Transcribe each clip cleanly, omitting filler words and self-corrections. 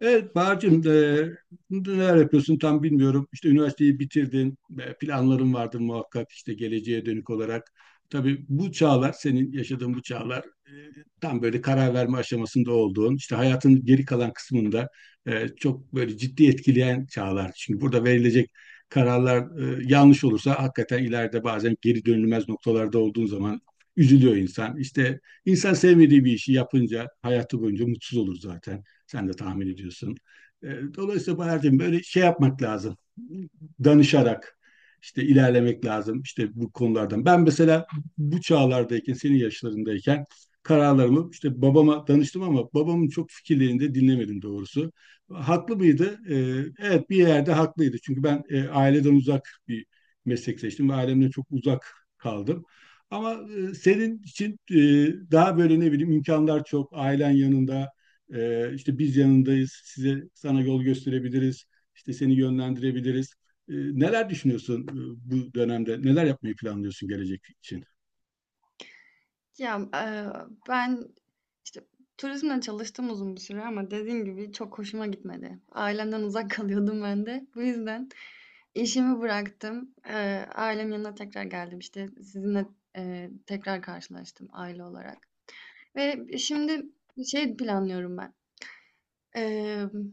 Evet Bahar'cığım neler yapıyorsun tam bilmiyorum. İşte üniversiteyi bitirdin, planların vardır muhakkak işte geleceğe dönük olarak. Tabii bu çağlar, senin yaşadığın bu çağlar tam böyle karar verme aşamasında olduğun, işte hayatın geri kalan kısmında çok böyle ciddi etkileyen çağlar. Çünkü burada verilecek kararlar yanlış olursa hakikaten ileride bazen geri dönülmez noktalarda olduğun zaman üzülüyor insan. İşte insan sevmediği bir işi yapınca hayatı boyunca mutsuz olur zaten. Sen de tahmin ediyorsun. E, Dolayısıyla Bahar'cığım böyle şey yapmak lazım. Danışarak işte ilerlemek lazım işte bu konulardan. Ben mesela bu çağlardayken, senin yaşlarındayken kararlarımı işte babama danıştım ama babamın çok fikirlerini de dinlemedim doğrusu. Haklı mıydı? Evet bir yerde haklıydı. Çünkü ben aileden uzak bir meslek seçtim ve ailemden çok uzak kaldım. Ama senin için daha böyle ne bileyim imkanlar çok, ailen yanında, işte biz yanındayız, size sana yol gösterebiliriz, işte seni yönlendirebiliriz. Neler düşünüyorsun bu dönemde? Neler yapmayı planlıyorsun gelecek için? Ya, eee, ben, işte, turizmle çalıştım uzun bir süre ama dediğim gibi çok hoşuma gitmedi. Ailemden uzak kalıyordum ben de. Bu yüzden işimi bıraktım. Ailemin yanına tekrar geldim. İşte sizinle, tekrar karşılaştım aile olarak ve şimdi şey planlıyorum ben. Emm,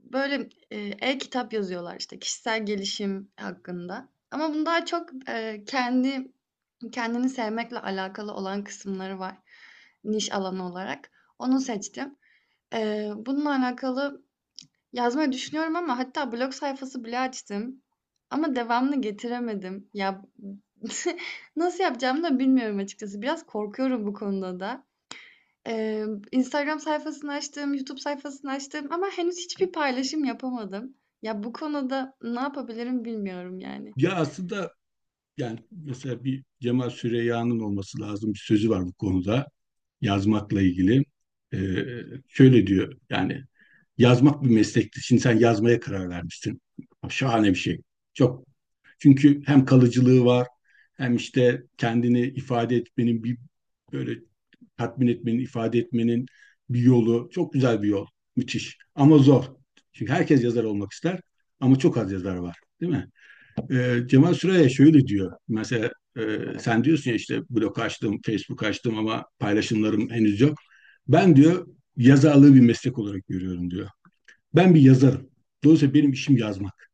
Böyle, e-kitap yazıyorlar, işte, kişisel gelişim hakkında ama bunun daha çok, kendi kendini sevmekle alakalı olan kısımları var niş alanı olarak. Onu seçtim. Bununla alakalı yazmayı düşünüyorum ama hatta blog sayfası bile açtım ama devamını getiremedim. Ya, nasıl yapacağımı da bilmiyorum açıkçası. Biraz korkuyorum bu konuda da. Instagram sayfasını açtım, YouTube sayfasını açtım ama henüz hiçbir paylaşım yapamadım. Ya, bu konuda ne yapabilirim bilmiyorum yani. Ya aslında yani mesela bir Cemal Süreyya'nın olması lazım bir sözü var bu konuda yazmakla ilgili. Ee, Şöyle diyor yani yazmak bir meslektir. Şimdi sen yazmaya karar vermişsin. Şahane bir şey. Çok. Çünkü hem kalıcılığı var hem işte kendini ifade etmenin bir böyle tatmin etmenin, ifade etmenin bir yolu. Çok güzel bir yol. Müthiş. Ama zor. Çünkü herkes yazar olmak ister ama çok az yazar var. Değil mi? Cemal Süreyya şöyle diyor. Mesela e, sen diyorsun ya işte blog açtım, Facebook açtım ama paylaşımlarım henüz yok. Ben diyor yazarlığı bir meslek olarak görüyorum diyor. Ben bir yazarım. Dolayısıyla benim işim yazmak.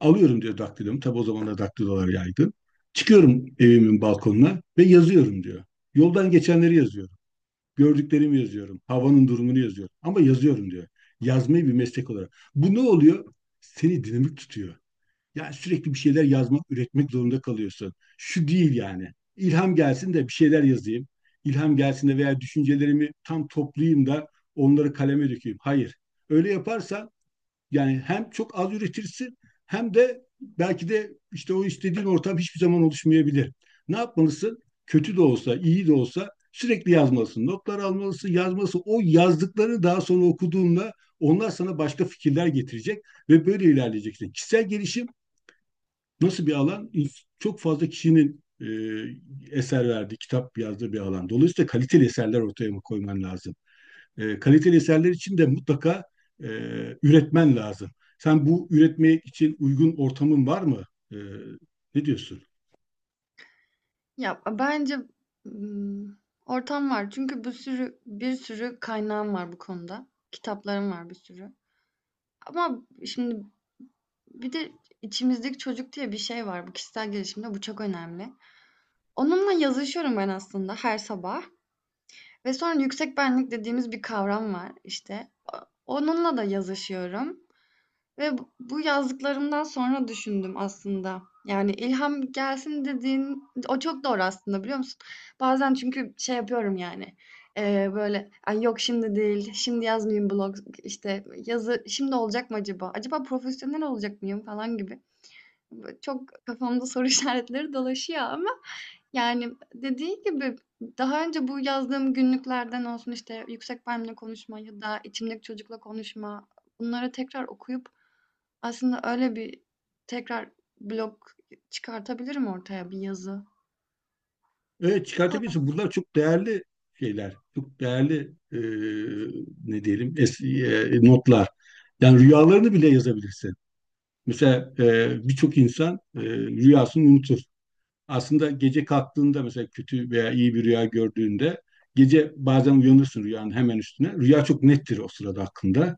Alıyorum diyor daktilomu. Tabi o zaman da daktilolar yaygın. Çıkıyorum evimin balkonuna ve yazıyorum diyor. Yoldan geçenleri yazıyorum. Gördüklerimi yazıyorum. Havanın durumunu yazıyorum. Ama yazıyorum diyor. Yazmayı bir meslek olarak. Bu ne oluyor? Seni dinamik tutuyor. Yani sürekli bir şeyler yazmak, üretmek zorunda kalıyorsun. Şu değil yani. İlham gelsin de bir şeyler yazayım. İlham gelsin de veya düşüncelerimi tam toplayayım da onları kaleme dökeyim. Hayır. Öyle yaparsan yani hem çok az üretirsin hem de belki de işte o istediğin ortam hiçbir zaman oluşmayabilir. Ne yapmalısın? Kötü de olsa, iyi de olsa sürekli yazmalısın. Notlar almalısın, yazmalısın. O yazdıklarını daha sonra okuduğunda onlar sana başka fikirler getirecek ve böyle ilerleyeceksin. Kişisel gelişim nasıl bir alan? Çok fazla kişinin eser verdiği, kitap yazdığı bir alan. Dolayısıyla kaliteli eserler ortaya koyman lazım. Kaliteli eserler için de mutlaka e, üretmen lazım. Sen bu üretmek için uygun ortamın var mı? E, Ne diyorsun? Ya, bence, ımm, ortam var çünkü bir sürü kaynağım var bu konuda. Kitaplarım var bir sürü ama şimdi bir de içimizdeki çocuk diye bir şey var. Bu kişisel gelişimde bu çok önemli. Onunla yazışıyorum ben aslında her sabah ve sonra yüksek benlik dediğimiz bir kavram var, işte. Onunla da yazışıyorum. Ve bu yazdıklarımdan sonra düşündüm aslında. Yani ilham gelsin dediğin o çok doğru aslında biliyor musun? Bazen çünkü şey yapıyorum yani. Böyle, "Ay yok şimdi değil. Şimdi yazmayayım, blog işte yazı şimdi olacak mı acaba? Acaba profesyonel olacak mıyım falan gibi." Böyle çok kafamda soru işaretleri dolaşıyor ama yani dediğin gibi daha önce bu yazdığım günlüklerden olsun işte yüksek benimle konuşma ya da içimdeki çocukla konuşma, bunları tekrar okuyup aslında öyle bir tekrar blog çıkartabilirim ortaya, bir yazı. Evet çıkartabilirsin. Bunlar çok değerli şeyler. Çok değerli e, ne diyelim notlar. Yani rüyalarını bile yazabilirsin. Mesela birçok insan rüyasını unutur. Aslında gece kalktığında mesela kötü veya iyi bir rüya gördüğünde gece bazen uyanırsın rüyanın hemen üstüne. Rüya çok nettir o sırada hakkında.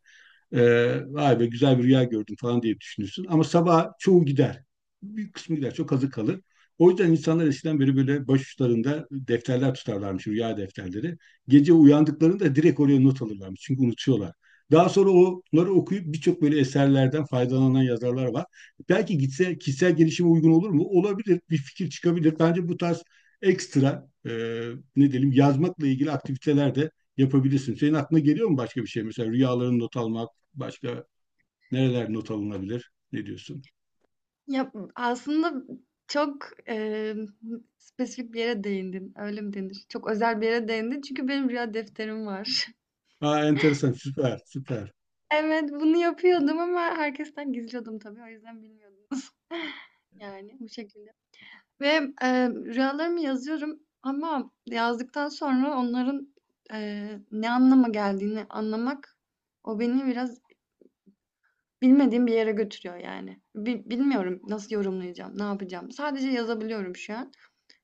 Vay be güzel bir rüya gördüm falan diye düşünürsün. Ama sabah çoğu gider. Büyük kısmı gider. Çok azı kalır. O yüzden insanlar eskiden beri böyle başuçlarında defterler tutarlarmış, rüya defterleri. Gece uyandıklarında direkt oraya not alırlarmış. Çünkü unutuyorlar. Daha sonra onları okuyup birçok böyle eserlerden faydalanan yazarlar var. Belki gitse kişisel gelişime uygun olur mu? Olabilir. Bir fikir çıkabilir. Bence bu tarz ekstra ne diyelim yazmakla ilgili aktiviteler de yapabilirsin. Senin aklına geliyor mu başka bir şey? Mesela rüyalarını not almak, başka nereler not alınabilir? Ne diyorsun? Ya, aslında çok, spesifik bir yere değindin, öyle mi denir? Çok özel bir yere değindin çünkü benim rüya defterim var. Aa, enteresan, süper, süper. Evet, bunu yapıyordum ama herkesten gizliyordum tabii, o yüzden bilmiyordunuz. Yani bu şekilde ve, rüyalarımı yazıyorum ama yazdıktan sonra onların, ne anlama geldiğini anlamak, o beni biraz bilmediğim bir yere götürüyor yani. Bi bilmiyorum nasıl yorumlayacağım, ne yapacağım. Sadece yazabiliyorum şu an.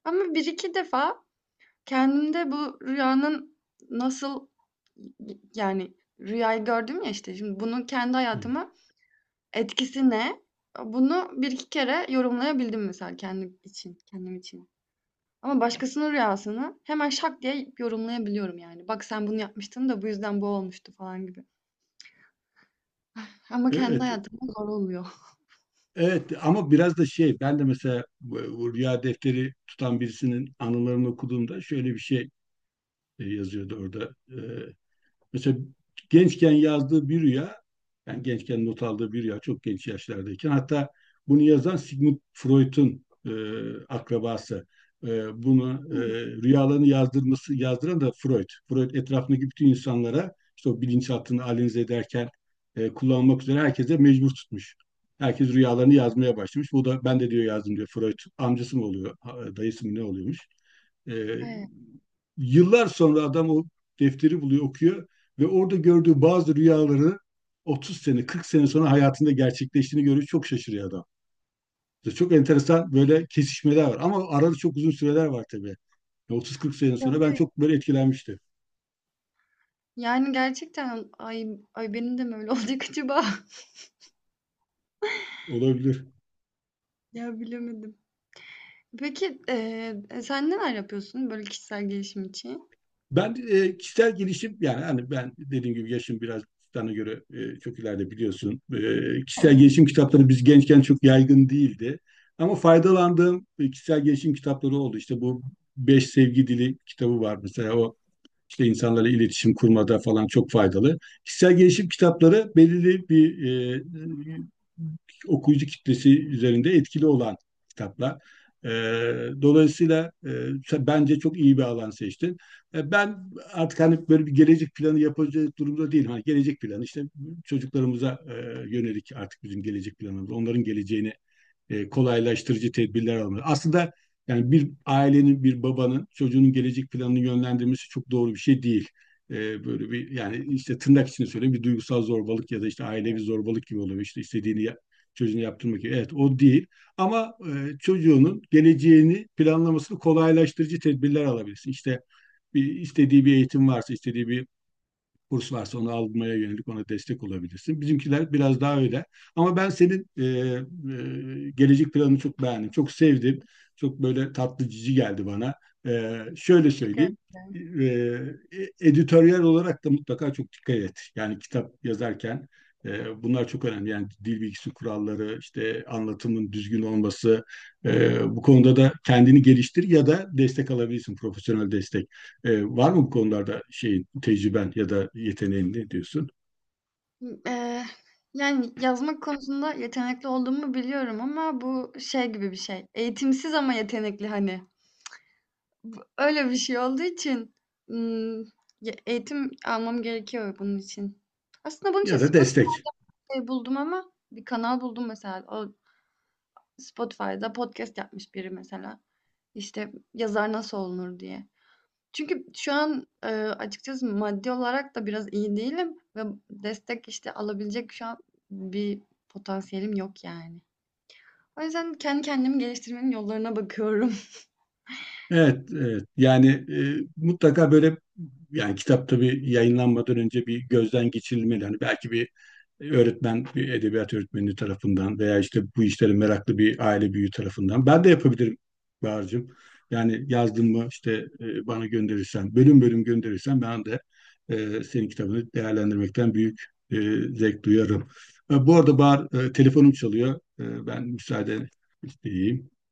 Ama bir iki defa kendimde bu rüyanın nasıl yani rüyayı gördüm ya işte şimdi bunun kendi hayatıma etkisi ne? Bunu bir iki kere yorumlayabildim mesela kendim için, kendim için. Ama başkasının rüyasını hemen şak diye yorumlayabiliyorum yani. Bak sen bunu yapmıştın da bu yüzden bu olmuştu falan gibi. Ama Evet, kendi evet, hayatımda zor oluyor. evet. Ama biraz da şey, ben de mesela bu rüya defteri tutan birisinin anılarını okuduğumda şöyle bir şey yazıyordu orada. E, Mesela gençken yazdığı bir rüya, yani gençken not aldığı bir rüya çok genç yaşlardayken hatta bunu yazan Sigmund Freud'un akrabası. E, Bunu rüyalarını yazdırması yazdıran da Freud. Freud etrafındaki bütün insanlara işte o bilinçaltını analize ederken kullanmak üzere herkese mecbur tutmuş. Herkes rüyalarını yazmaya başlamış. Bu da ben de diyor yazdım diyor Freud. Amcası mı oluyor, dayısı mı ne oluyormuş? E, Evet. Yıllar sonra adam o defteri buluyor, okuyor ve orada gördüğü bazı rüyaları 30 sene, 40 sene sonra hayatında gerçekleştiğini görüyor. Çok şaşırıyor adam. Çok enteresan böyle kesişmeler var. Ama arada çok uzun süreler var tabii. 30-40 sene sonra ben çok böyle etkilenmiştim. Yani gerçekten ay ay benim de mi öyle olacak acaba? Olabilir. Ya bilemedim. Peki, sen neler yapıyorsun böyle kişisel gelişim için? Ben kişisel gelişim yani hani ben dediğim gibi yaşım biraz sana göre çok ileride biliyorsun. Kişisel gelişim kitapları biz gençken çok yaygın değildi. Ama faydalandığım kişisel gelişim kitapları oldu. İşte bu Beş Sevgi Dili kitabı var mesela. O işte insanlarla iletişim kurmada falan çok faydalı. Kişisel gelişim kitapları belirli bir okuyucu kitlesi üzerinde etkili olan kitaplar. E, Dolayısıyla bence çok iyi bir alan seçtin. Ben artık hani böyle bir gelecek planı yapacak durumda değilim. Hani gelecek planı işte çocuklarımıza yönelik artık bizim gelecek planımız. Onların geleceğini kolaylaştırıcı tedbirler almalı. Aslında yani bir ailenin, bir babanın çocuğunun gelecek planını yönlendirmesi çok doğru bir şey değil. Böyle bir yani işte tırnak içinde söyleyeyim bir duygusal zorbalık ya da işte ailevi zorbalık gibi oluyor. İşte çocuğunu yaptırmak gibi. Evet o değil. Ama çocuğunun geleceğini planlamasını kolaylaştırıcı tedbirler alabilirsin. İşte bir istediği bir eğitim varsa, istediği bir kurs varsa onu almaya yönelik ona destek olabilirsin. Bizimkiler biraz daha öyle. Ama ben senin gelecek planını çok beğendim. Çok sevdim. Çok böyle tatlı cici geldi bana. Şöyle Peki, söyleyeyim. E, e, Editoryal olarak da mutlaka çok dikkat et. Yani kitap yazarken bunlar çok önemli. Yani dil bilgisi kuralları, işte anlatımın düzgün olması. Bu konuda da kendini geliştir ya da destek alabilirsin, profesyonel destek. Var mı bu konularda şeyin, tecrüben ya da yeteneğin ne diyorsun? ımm, yani yazmak konusunda yetenekli olduğumu biliyorum ama bu şey gibi bir şey, eğitimsiz ama yetenekli hani. Bu öyle bir şey olduğu için, ımm, ya eğitim almam gerekiyor bunun için. Aslında bunun için Ya da destek. Spotify'da buldum ama bir kanal buldum mesela. O Spotify'da podcast yapmış biri mesela. İşte yazar nasıl olunur diye. Çünkü şu an, açıkçası maddi olarak da biraz iyi değilim ve destek, işte, alabilecek şu an bir potansiyelim yok yani. O yüzden kendi kendimi geliştirmenin yollarına bakıyorum. Evet, evet. Yani mutlaka böyle yani kitap tabii yayınlanmadan önce bir gözden geçirilmeli. Hani belki bir öğretmen, bir edebiyat öğretmeni tarafından veya işte bu işlere meraklı bir aile büyüğü tarafından. Ben de yapabilirim Bahar'cığım. Yani yazdın mı işte bana gönderirsen, bölüm bölüm gönderirsen ben de senin kitabını değerlendirmekten büyük e, zevk duyarım. Bu arada Bahar telefonum çalıyor. Ben müsaade isteyeyim.